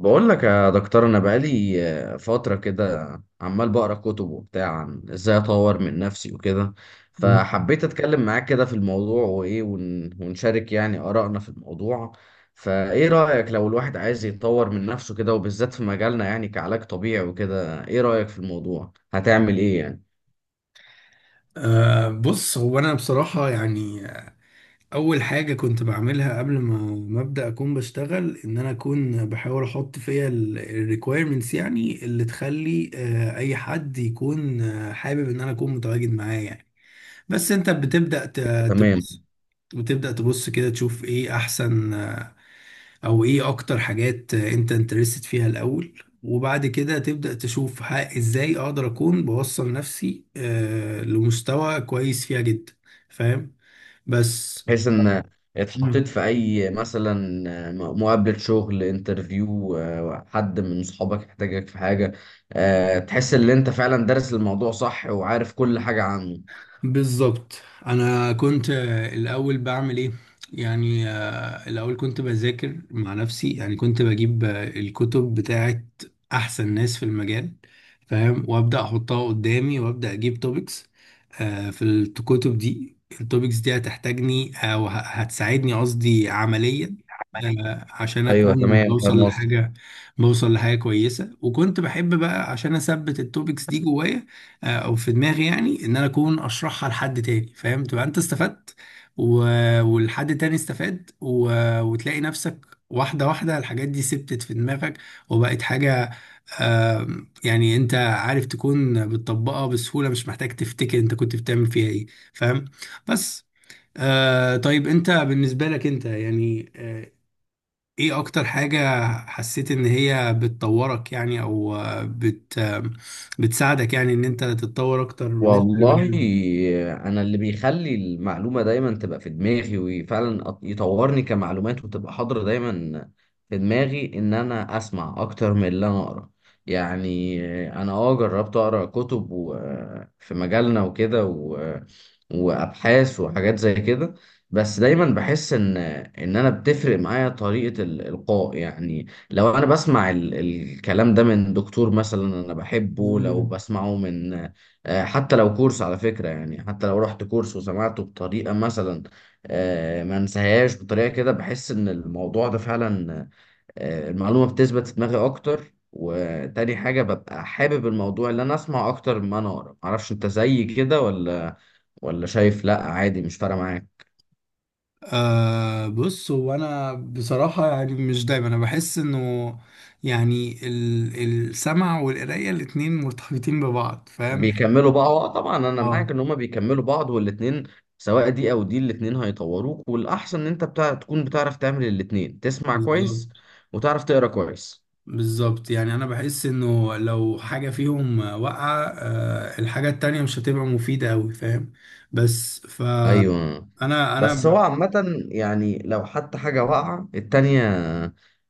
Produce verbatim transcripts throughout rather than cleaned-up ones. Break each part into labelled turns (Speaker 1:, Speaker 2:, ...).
Speaker 1: بقول لك يا دكتور انا بقالي آه، فتره كده، عمال بقرا كتب وبتاع عن ازاي اطور من نفسي وكده. فحبيت اتكلم معاك كده في الموضوع وايه ون- ونشارك يعني ارائنا في الموضوع. فايه رايك لو الواحد عايز يتطور من نفسه كده وبالذات في مجالنا يعني كعلاج طبيعي وكده، ايه رايك في الموضوع؟ هتعمل ايه يعني؟
Speaker 2: أه بص، هو انا بصراحة يعني اول حاجة كنت بعملها قبل ما ما ابدا اكون بشتغل، ان انا اكون بحاول احط فيها الريكويرمنتس، يعني اللي تخلي أه اي حد يكون آه، حابب ان انا اكون متواجد معاه يعني. بس انت بتبدا ت-
Speaker 1: تمام.
Speaker 2: تبص، بتبدا تبص كده تشوف ايه احسن، آه، او ايه اكتر حاجات انت انترستد فيها الاول، وبعد كده تبدأ تشوف ها ازاي اقدر اكون بوصل نفسي آه لمستوى كويس فيها جدا. فاهم؟ بس
Speaker 1: بحيث ان اتحطيت
Speaker 2: مم.
Speaker 1: في اي مثلا مقابلة شغل انترفيو، حد من صحابك يحتاجك في حاجة، آه، تحس ان انت فعلا دارس الموضوع صح وعارف كل حاجة عنه.
Speaker 2: بالظبط. انا كنت آه، الاول بعمل ايه يعني؟ آه، الاول كنت بذاكر مع نفسي، يعني كنت بجيب آه، الكتب بتاعت احسن ناس في المجال، فاهم؟ وابدا احطها قدامي وابدا اجيب توبكس في الكتب دي. التوبكس دي هتحتاجني او ه- هتساعدني، قصدي عمليا،
Speaker 1: عملية.
Speaker 2: آه، عشان
Speaker 1: ايوه
Speaker 2: اكون
Speaker 1: تمام
Speaker 2: بوصل
Speaker 1: فاهم قصدك.
Speaker 2: لحاجه بوصل لحاجه كويسه، وكنت بحب بقى عشان اثبت التوبكس دي جوايا آه، او في دماغي، يعني ان انا اكون اشرحها لحد تاني، فاهم؟ تبقى انت استفدت، و... والحد تاني استفاد، و... وتلاقي نفسك واحدة واحدة الحاجات دي ثبتت في دماغك وبقت حاجة، آم، يعني انت عارف تكون بتطبقها بسهولة، مش محتاج تفتكر انت كنت بتعمل فيها ايه. فاهم؟ بس آه طيب، انت بالنسبة لك انت يعني آه، ايه اكتر حاجة حسيت ان هي بتطورك يعني؟ او آه، بت آه، بتساعدك، يعني ان انت تتطور اكتر بالنسبة
Speaker 1: والله
Speaker 2: للمجال ده.
Speaker 1: انا اللي بيخلي المعلومه دايما تبقى في دماغي وفعلا أط- يطورني كمعلومات وتبقى حاضره دايما في دماغي، ان انا اسمع اكتر من اللي انا اقرا يعني. انا اه جربت اقرا كتب و- في مجالنا وكده و- وابحاث وحاجات زي كده. بس دايما بحس ان ان انا بتفرق معايا طريقه الالقاء يعني. لو انا بسمع ال- الكلام ده من دكتور مثلا انا بحبه، لو
Speaker 2: مم.
Speaker 1: بسمعه من آه، حتى لو كورس على فكرة يعني، حتى لو رحت كورس وسمعته بطريقة مثلا آه، ما انساهاش. بطريقة كده بحس ان الموضوع ده فعلا آه، المعلومة بتثبت في دماغي اكتر. وتاني حاجة ببقى حابب الموضوع اللي انا اسمع اكتر ما انا اقرا. معرفش انت زي كده ولا، ولا شايف لا عادي مش فارقة معاك؟
Speaker 2: آه بص، هو انا بصراحة يعني مش دايما انا بحس انه، يعني ال- السمع والقراية الاتنين مرتبطين ببعض. فاهم؟
Speaker 1: بيكملوا بعض. آه، طبعا انا معاك
Speaker 2: اه،
Speaker 1: ان هما بيكملوا بعض والاتنين، سواء دي او دي الاتنين هيطوروك، والاحسن ان انت بتاع تكون بتعرف تعمل الاتنين: تسمع كويس
Speaker 2: بالظبط.
Speaker 1: وتعرف تقرا كويس.
Speaker 2: بالظبط، يعني انا بحس انه لو حاجة فيهم واقعة آه الحاجة التانية مش هتبقى مفيدة اوي. فاهم؟ بس ف
Speaker 1: ايوه.
Speaker 2: انا
Speaker 1: بس هو
Speaker 2: انا
Speaker 1: عامة يعني لو حتى حاجة واقعة التانية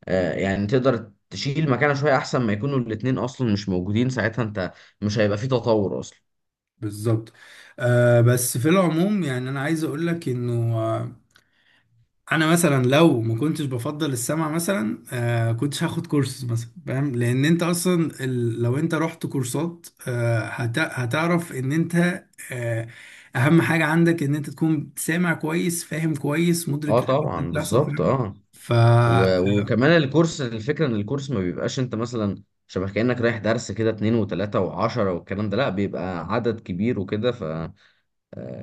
Speaker 1: آه، يعني تقدر تشيل مكانها شوية. أحسن ما يكونوا الاتنين أصلا مش موجودين، ساعتها أنت مش هيبقى فيه تطور أصلا.
Speaker 2: بالظبط. آه بس في العموم يعني انا عايز اقول لك انه، آه انا مثلا لو ما كنتش بفضل السمع مثلا آه كنتش هاخد كورسز مثلا. فاهم؟ لان انت اصلا ال... لو انت رحت كورسات آه هت... هتعرف ان انت آه اهم حاجة عندك ان انت تكون سامع كويس، فاهم كويس،
Speaker 1: أه
Speaker 2: مدرك الحاجات اللي
Speaker 1: طبعا
Speaker 2: بتحصل.
Speaker 1: بالظبط.
Speaker 2: فاهم؟
Speaker 1: أه،
Speaker 2: ف
Speaker 1: و- وكمان الكورس، الفكرة إن الكورس ما بيبقاش أنت مثلا شبه كأنك رايح درس كده اتنين وتلاتة وعشرة والكلام ده، لأ بيبقى عدد كبير وكده.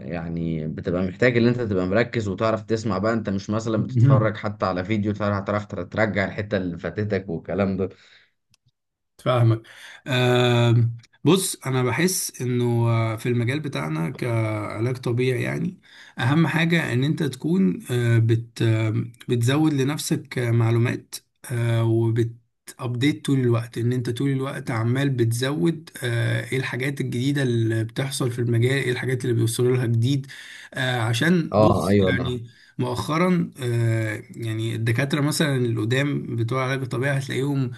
Speaker 1: يعني بتبقى محتاج ان انت تبقى مركز وتعرف تسمع بقى. انت مش مثلا بتتفرج حتى على فيديو، تعرف تعرف ترجع الحتة اللي فاتتك والكلام ده.
Speaker 2: فاهمك. آم، بص، انا بحس انه آه، في المجال بتاعنا كعلاج طبيعي يعني اهم حاجة ان انت تكون آه، بت آم، بتزود لنفسك آه، معلومات، آه، وبت ابديت طول الوقت، ان انت طول الوقت عمال بتزود آه، ايه الحاجات الجديدة اللي بتحصل في المجال، ايه الحاجات اللي بيوصلوا لها جديد. آه، عشان
Speaker 1: اه
Speaker 2: بص
Speaker 1: ايوه انا.
Speaker 2: يعني مؤخرا آه، يعني الدكاترة مثلا القدام بتوع علاج الطبيعي هتلاقيهم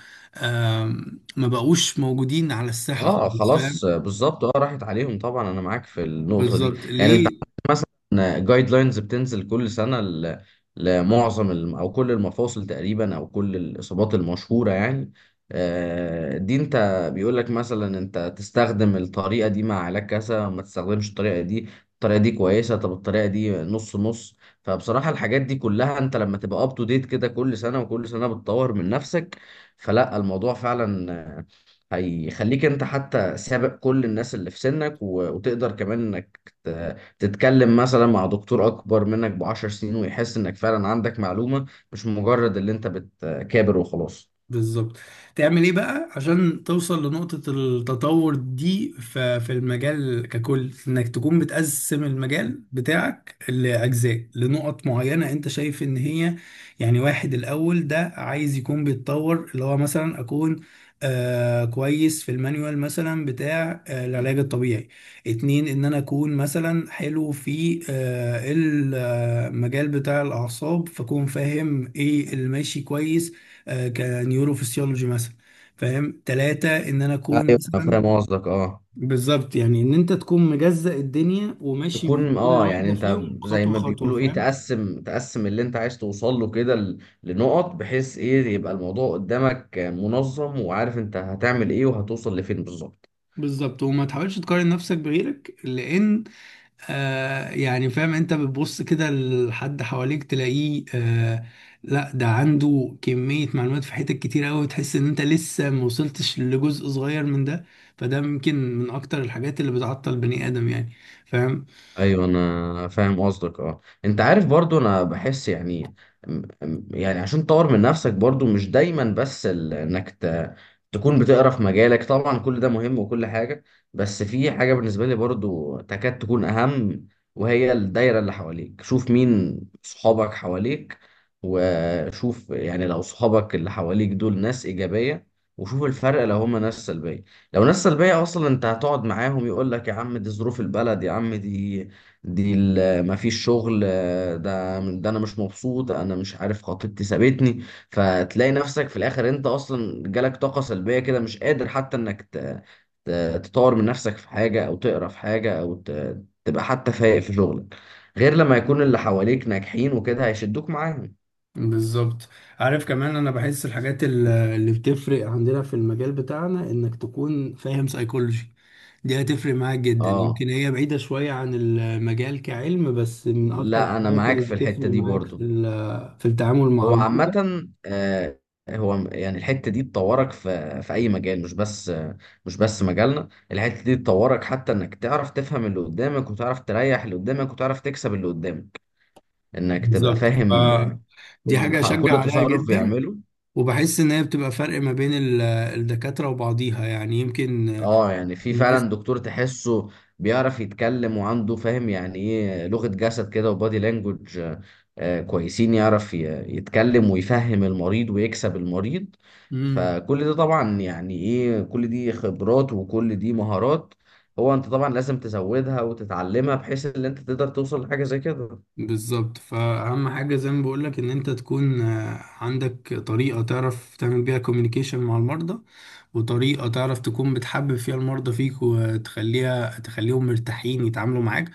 Speaker 2: ما بقوش موجودين على الساحة
Speaker 1: اه
Speaker 2: خالص. فاهم؟
Speaker 1: خلاص، آه، بالظبط. اه راحت عليهم طبعا. انا معاك في النقطه دي
Speaker 2: بالظبط.
Speaker 1: يعني. انت
Speaker 2: ليه؟
Speaker 1: عندك مثلا جايد لاينز بتنزل كل سنه ل- لمعظم الم- او كل المفاصل تقريبا، او كل الاصابات المشهوره يعني. آه، دي انت بيقول لك مثلا انت تستخدم الطريقه دي مع علاج كذا، ما تستخدمش الطريقه دي، الطريقه دي كويسه، طب الطريقه دي نص نص. فبصراحه الحاجات دي كلها انت لما تبقى اب تو ديت كده كل سنه، وكل سنه بتطور من نفسك، فلا الموضوع فعلا هيخليك انت حتى سابق كل الناس اللي في سنك. و- وتقدر كمان انك ت- تتكلم مثلا مع دكتور اكبر منك بعشر سنين ويحس انك فعلا عندك معلومة، مش مجرد اللي انت بتكابر وخلاص.
Speaker 2: بالظبط. تعمل ايه بقى عشان توصل لنقطة التطور دي ف- في المجال ككل؟ انك تكون بتقسم المجال بتاعك لأجزاء، لنقط معينة انت شايف ان هي يعني، واحد الأول ده عايز يكون بيتطور، اللي هو مثلا أكون آه كويس في المانيوال مثلا بتاع آه العلاج الطبيعي. اتنين ان انا اكون مثلا حلو في آه المجال بتاع الاعصاب، فاكون فاهم ايه اللي ماشي كويس، آه، كنيوروفسيولوجي مثلا، فاهم؟ ثلاثة ان انا اكون
Speaker 1: ايوه انا
Speaker 2: مثلا،
Speaker 1: فاهم قصدك اه.
Speaker 2: بالظبط، يعني ان انت تكون مجزأ الدنيا وماشي في
Speaker 1: تكون
Speaker 2: كل
Speaker 1: اه يعني
Speaker 2: واحدة
Speaker 1: انت
Speaker 2: فيهم
Speaker 1: زي
Speaker 2: خطوة
Speaker 1: ما
Speaker 2: خطوة.
Speaker 1: بيقولوا ايه،
Speaker 2: فاهم؟
Speaker 1: تقسم تقسم اللي انت عايز توصل له كده ل- لنقط، بحيث ايه يبقى الموضوع قدامك منظم، وعارف انت هتعمل ايه وهتوصل لفين بالظبط.
Speaker 2: بالظبط. وما تحاولش تقارن نفسك بغيرك، لان آه يعني فاهم انت بتبص كده لحد حواليك تلاقيه، آه لا، ده عنده كمية معلومات في حتت كتير قوي، تحس ان انت لسه ما وصلتش لجزء صغير من ده. فده ممكن من اكتر الحاجات اللي بتعطل بني ادم يعني، فاهم؟
Speaker 1: ايوه انا فاهم قصدك اه. انت عارف برضو انا بحس يعني م- م- يعني عشان تطور من نفسك برضو مش دايما بس ال- انك ت... تكون بتقرا في مجالك طبعا. كل ده مهم وكل حاجة، بس في حاجة بالنسبة لي برضو تكاد تكون اهم، وهي الدايرة اللي حواليك. شوف مين صحابك حواليك، وشوف يعني لو صحابك اللي حواليك دول ناس إيجابية، وشوف الفرق لو هما ناس سلبية. لو ناس سلبية أصلا أنت هتقعد معاهم يقول لك يا عم دي ظروف البلد، يا عم دي دي ال- مفيش شغل، آه، ده ده انا مش مبسوط، انا مش عارف خطيبتي سابتني. فتلاقي نفسك في الاخر انت اصلا جالك طاقة سلبية كده، مش قادر حتى انك ت- ت- تطور من نفسك في حاجة، او تقرا في حاجة، او ت- تبقى حتى فايق في شغلك، غير لما يكون اللي حواليك ناجحين وكده هيشدوك معاهم.
Speaker 2: بالظبط. عارف كمان، انا بحس الحاجات ال- اللي بتفرق عندنا في المجال بتاعنا، انك تكون فاهم سايكولوجي، دي هتفرق معاك جدا.
Speaker 1: اه.
Speaker 2: يمكن هي بعيدة شوية عن المجال كعلم، بس من اكتر
Speaker 1: لا انا
Speaker 2: الحاجات
Speaker 1: معاك
Speaker 2: اللي
Speaker 1: في
Speaker 2: هتفرق
Speaker 1: الحتة دي
Speaker 2: معاك في
Speaker 1: برضو.
Speaker 2: ال- في التعامل مع
Speaker 1: هو
Speaker 2: المرضى.
Speaker 1: عامة آه، هو م- يعني الحتة دي تطورك في في أي مجال، مش بس آه، مش بس مجالنا. الحتة دي تطورك حتى إنك تعرف تفهم اللي قدامك، وتعرف تريح اللي قدامك، وتعرف تكسب اللي قدامك. إنك تبقى
Speaker 2: بالظبط.
Speaker 1: فاهم آه،
Speaker 2: ف- دي
Speaker 1: كل
Speaker 2: حاجة
Speaker 1: ح-
Speaker 2: اشجع
Speaker 1: كل
Speaker 2: عليها
Speaker 1: تصرف
Speaker 2: جدا،
Speaker 1: بيعمله.
Speaker 2: وبحس ان هي بتبقى فرق ما بين ال- الدكاترة وبعضيها، يعني يمكن
Speaker 1: اه يعني في
Speaker 2: الناس.
Speaker 1: فعلا دكتور تحسه بيعرف يتكلم وعنده فاهم يعني ايه لغة جسد كده وبادي لانجوج آه، آه، كويسين، يعرف ي- يتكلم ويفهم المريض ويكسب المريض.
Speaker 2: مم.
Speaker 1: فكل ده طبعا يعني ايه، كل دي خبرات وكل دي مهارات. هو انت طبعا لازم تزودها وتتعلمها بحيث ان انت تقدر توصل لحاجة زي كده.
Speaker 2: بالظبط. فأهم حاجة زي ما بقولك إن أنت تكون آه، عندك طريقة تعرف تعمل بيها كوميونيكيشن مع المرضى، وطريقة تعرف تكون بتحبب فيها المرضى فيك، وتخليها تخليهم مرتاحين يتعاملوا معاك،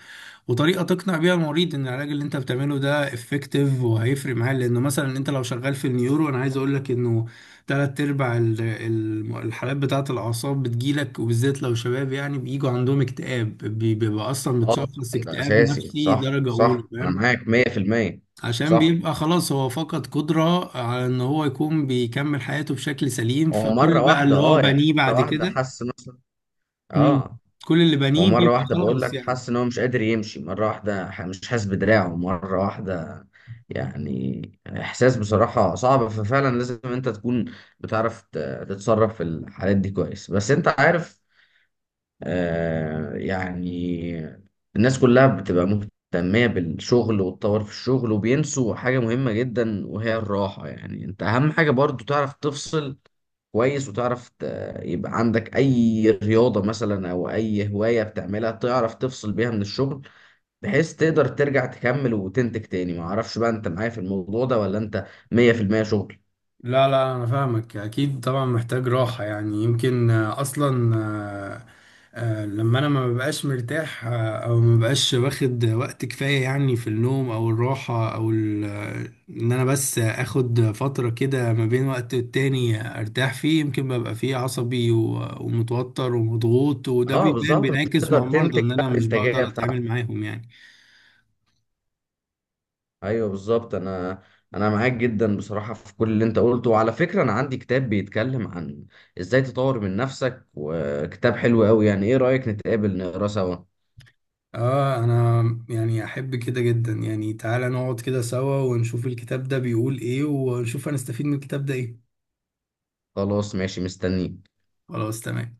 Speaker 2: وطريقة تقنع بيها المريض إن العلاج اللي أنت بتعمله ده افكتيف وهيفرق معاه. لأنه مثلا أنت لو شغال في النيورو، أنا عايز أقولك إنه تلات أرباع ال- ال- الحالات بتاعة الأعصاب بتجيلك، وبالذات لو شباب، يعني بيجوا عندهم اكتئاب، بي- بيبقى أصلا
Speaker 1: اه
Speaker 2: متشخص
Speaker 1: طبعا ده
Speaker 2: اكتئاب
Speaker 1: اساسي.
Speaker 2: نفسي
Speaker 1: صح
Speaker 2: درجة أولى.
Speaker 1: صح، انا
Speaker 2: فاهم؟
Speaker 1: معاك مية في المية.
Speaker 2: عشان
Speaker 1: صح.
Speaker 2: بيبقى خلاص هو فقد قدرة على ان هو يكون بيكمل حياته بشكل سليم،
Speaker 1: هو مرة
Speaker 2: فكل بقى
Speaker 1: واحدة
Speaker 2: اللي هو
Speaker 1: اه يعني،
Speaker 2: بنيه
Speaker 1: مرة
Speaker 2: بعد
Speaker 1: واحدة
Speaker 2: كده.
Speaker 1: حس نفسه
Speaker 2: مم.
Speaker 1: اه،
Speaker 2: كل اللي
Speaker 1: هو
Speaker 2: بنيه
Speaker 1: مرة
Speaker 2: بيبقى
Speaker 1: واحدة بقول
Speaker 2: خلاص
Speaker 1: لك
Speaker 2: يعني.
Speaker 1: حاسس إن هو مش قادر يمشي، مرة واحدة ح- مش حاسس بدراعه، مرة واحدة يعني. إحساس بصراحة صعب. ففعلا لازم أنت تكون بتعرف ت- تتصرف في الحالات دي كويس. بس أنت عارف آه يعني الناس كلها بتبقى مهتمية بالشغل والتطور في الشغل، وبينسوا حاجة مهمة جدا وهي الراحة. يعني أنت أهم حاجة برضو تعرف تفصل كويس، وتعرف ت- يبقى عندك اي رياضة مثلا او اي هواية بتعملها تعرف تفصل بيها من الشغل، بحيث تقدر ترجع تكمل وتنتج تاني. ما اعرفش بقى انت معايا في الموضوع ده ولا انت مية في المية شغل.
Speaker 2: لا، لا، انا فاهمك، اكيد طبعا محتاج راحة، يعني يمكن آه، اصلا آه، آه، لما انا ما ببقاش مرتاح، آه، او ما ببقاش واخد وقت كفاية، يعني في النوم او الراحة او ال- آه، ان انا بس اخد فترة كده ما بين وقت والتاني ارتاح فيه، يمكن ببقى فيه عصبي و- ومتوتر ومضغوط، وده
Speaker 1: اه
Speaker 2: بيبان
Speaker 1: بالظبط، مش
Speaker 2: بينعكس
Speaker 1: تقدر
Speaker 2: مع المرضى
Speaker 1: تنتج
Speaker 2: ان انا
Speaker 1: بقى
Speaker 2: مش
Speaker 1: الانتاجية
Speaker 2: بقدر اتعامل
Speaker 1: بتاعتك.
Speaker 2: معاهم يعني.
Speaker 1: ايوه بالظبط. انا انا معاك جدا بصراحة في كل اللي انت قلته. وعلى فكرة انا عندي كتاب بيتكلم عن ازاي تطور من نفسك، وكتاب حلو قوي يعني. ايه رأيك نتقابل نقرا سوا؟
Speaker 2: اه، انا يعني احب كده جدا، يعني تعالى نقعد كده سوا ونشوف الكتاب ده بيقول ايه، ونشوف هنستفيد من الكتاب ده ايه.
Speaker 1: خلاص ماشي مستنيك.
Speaker 2: خلاص تمام.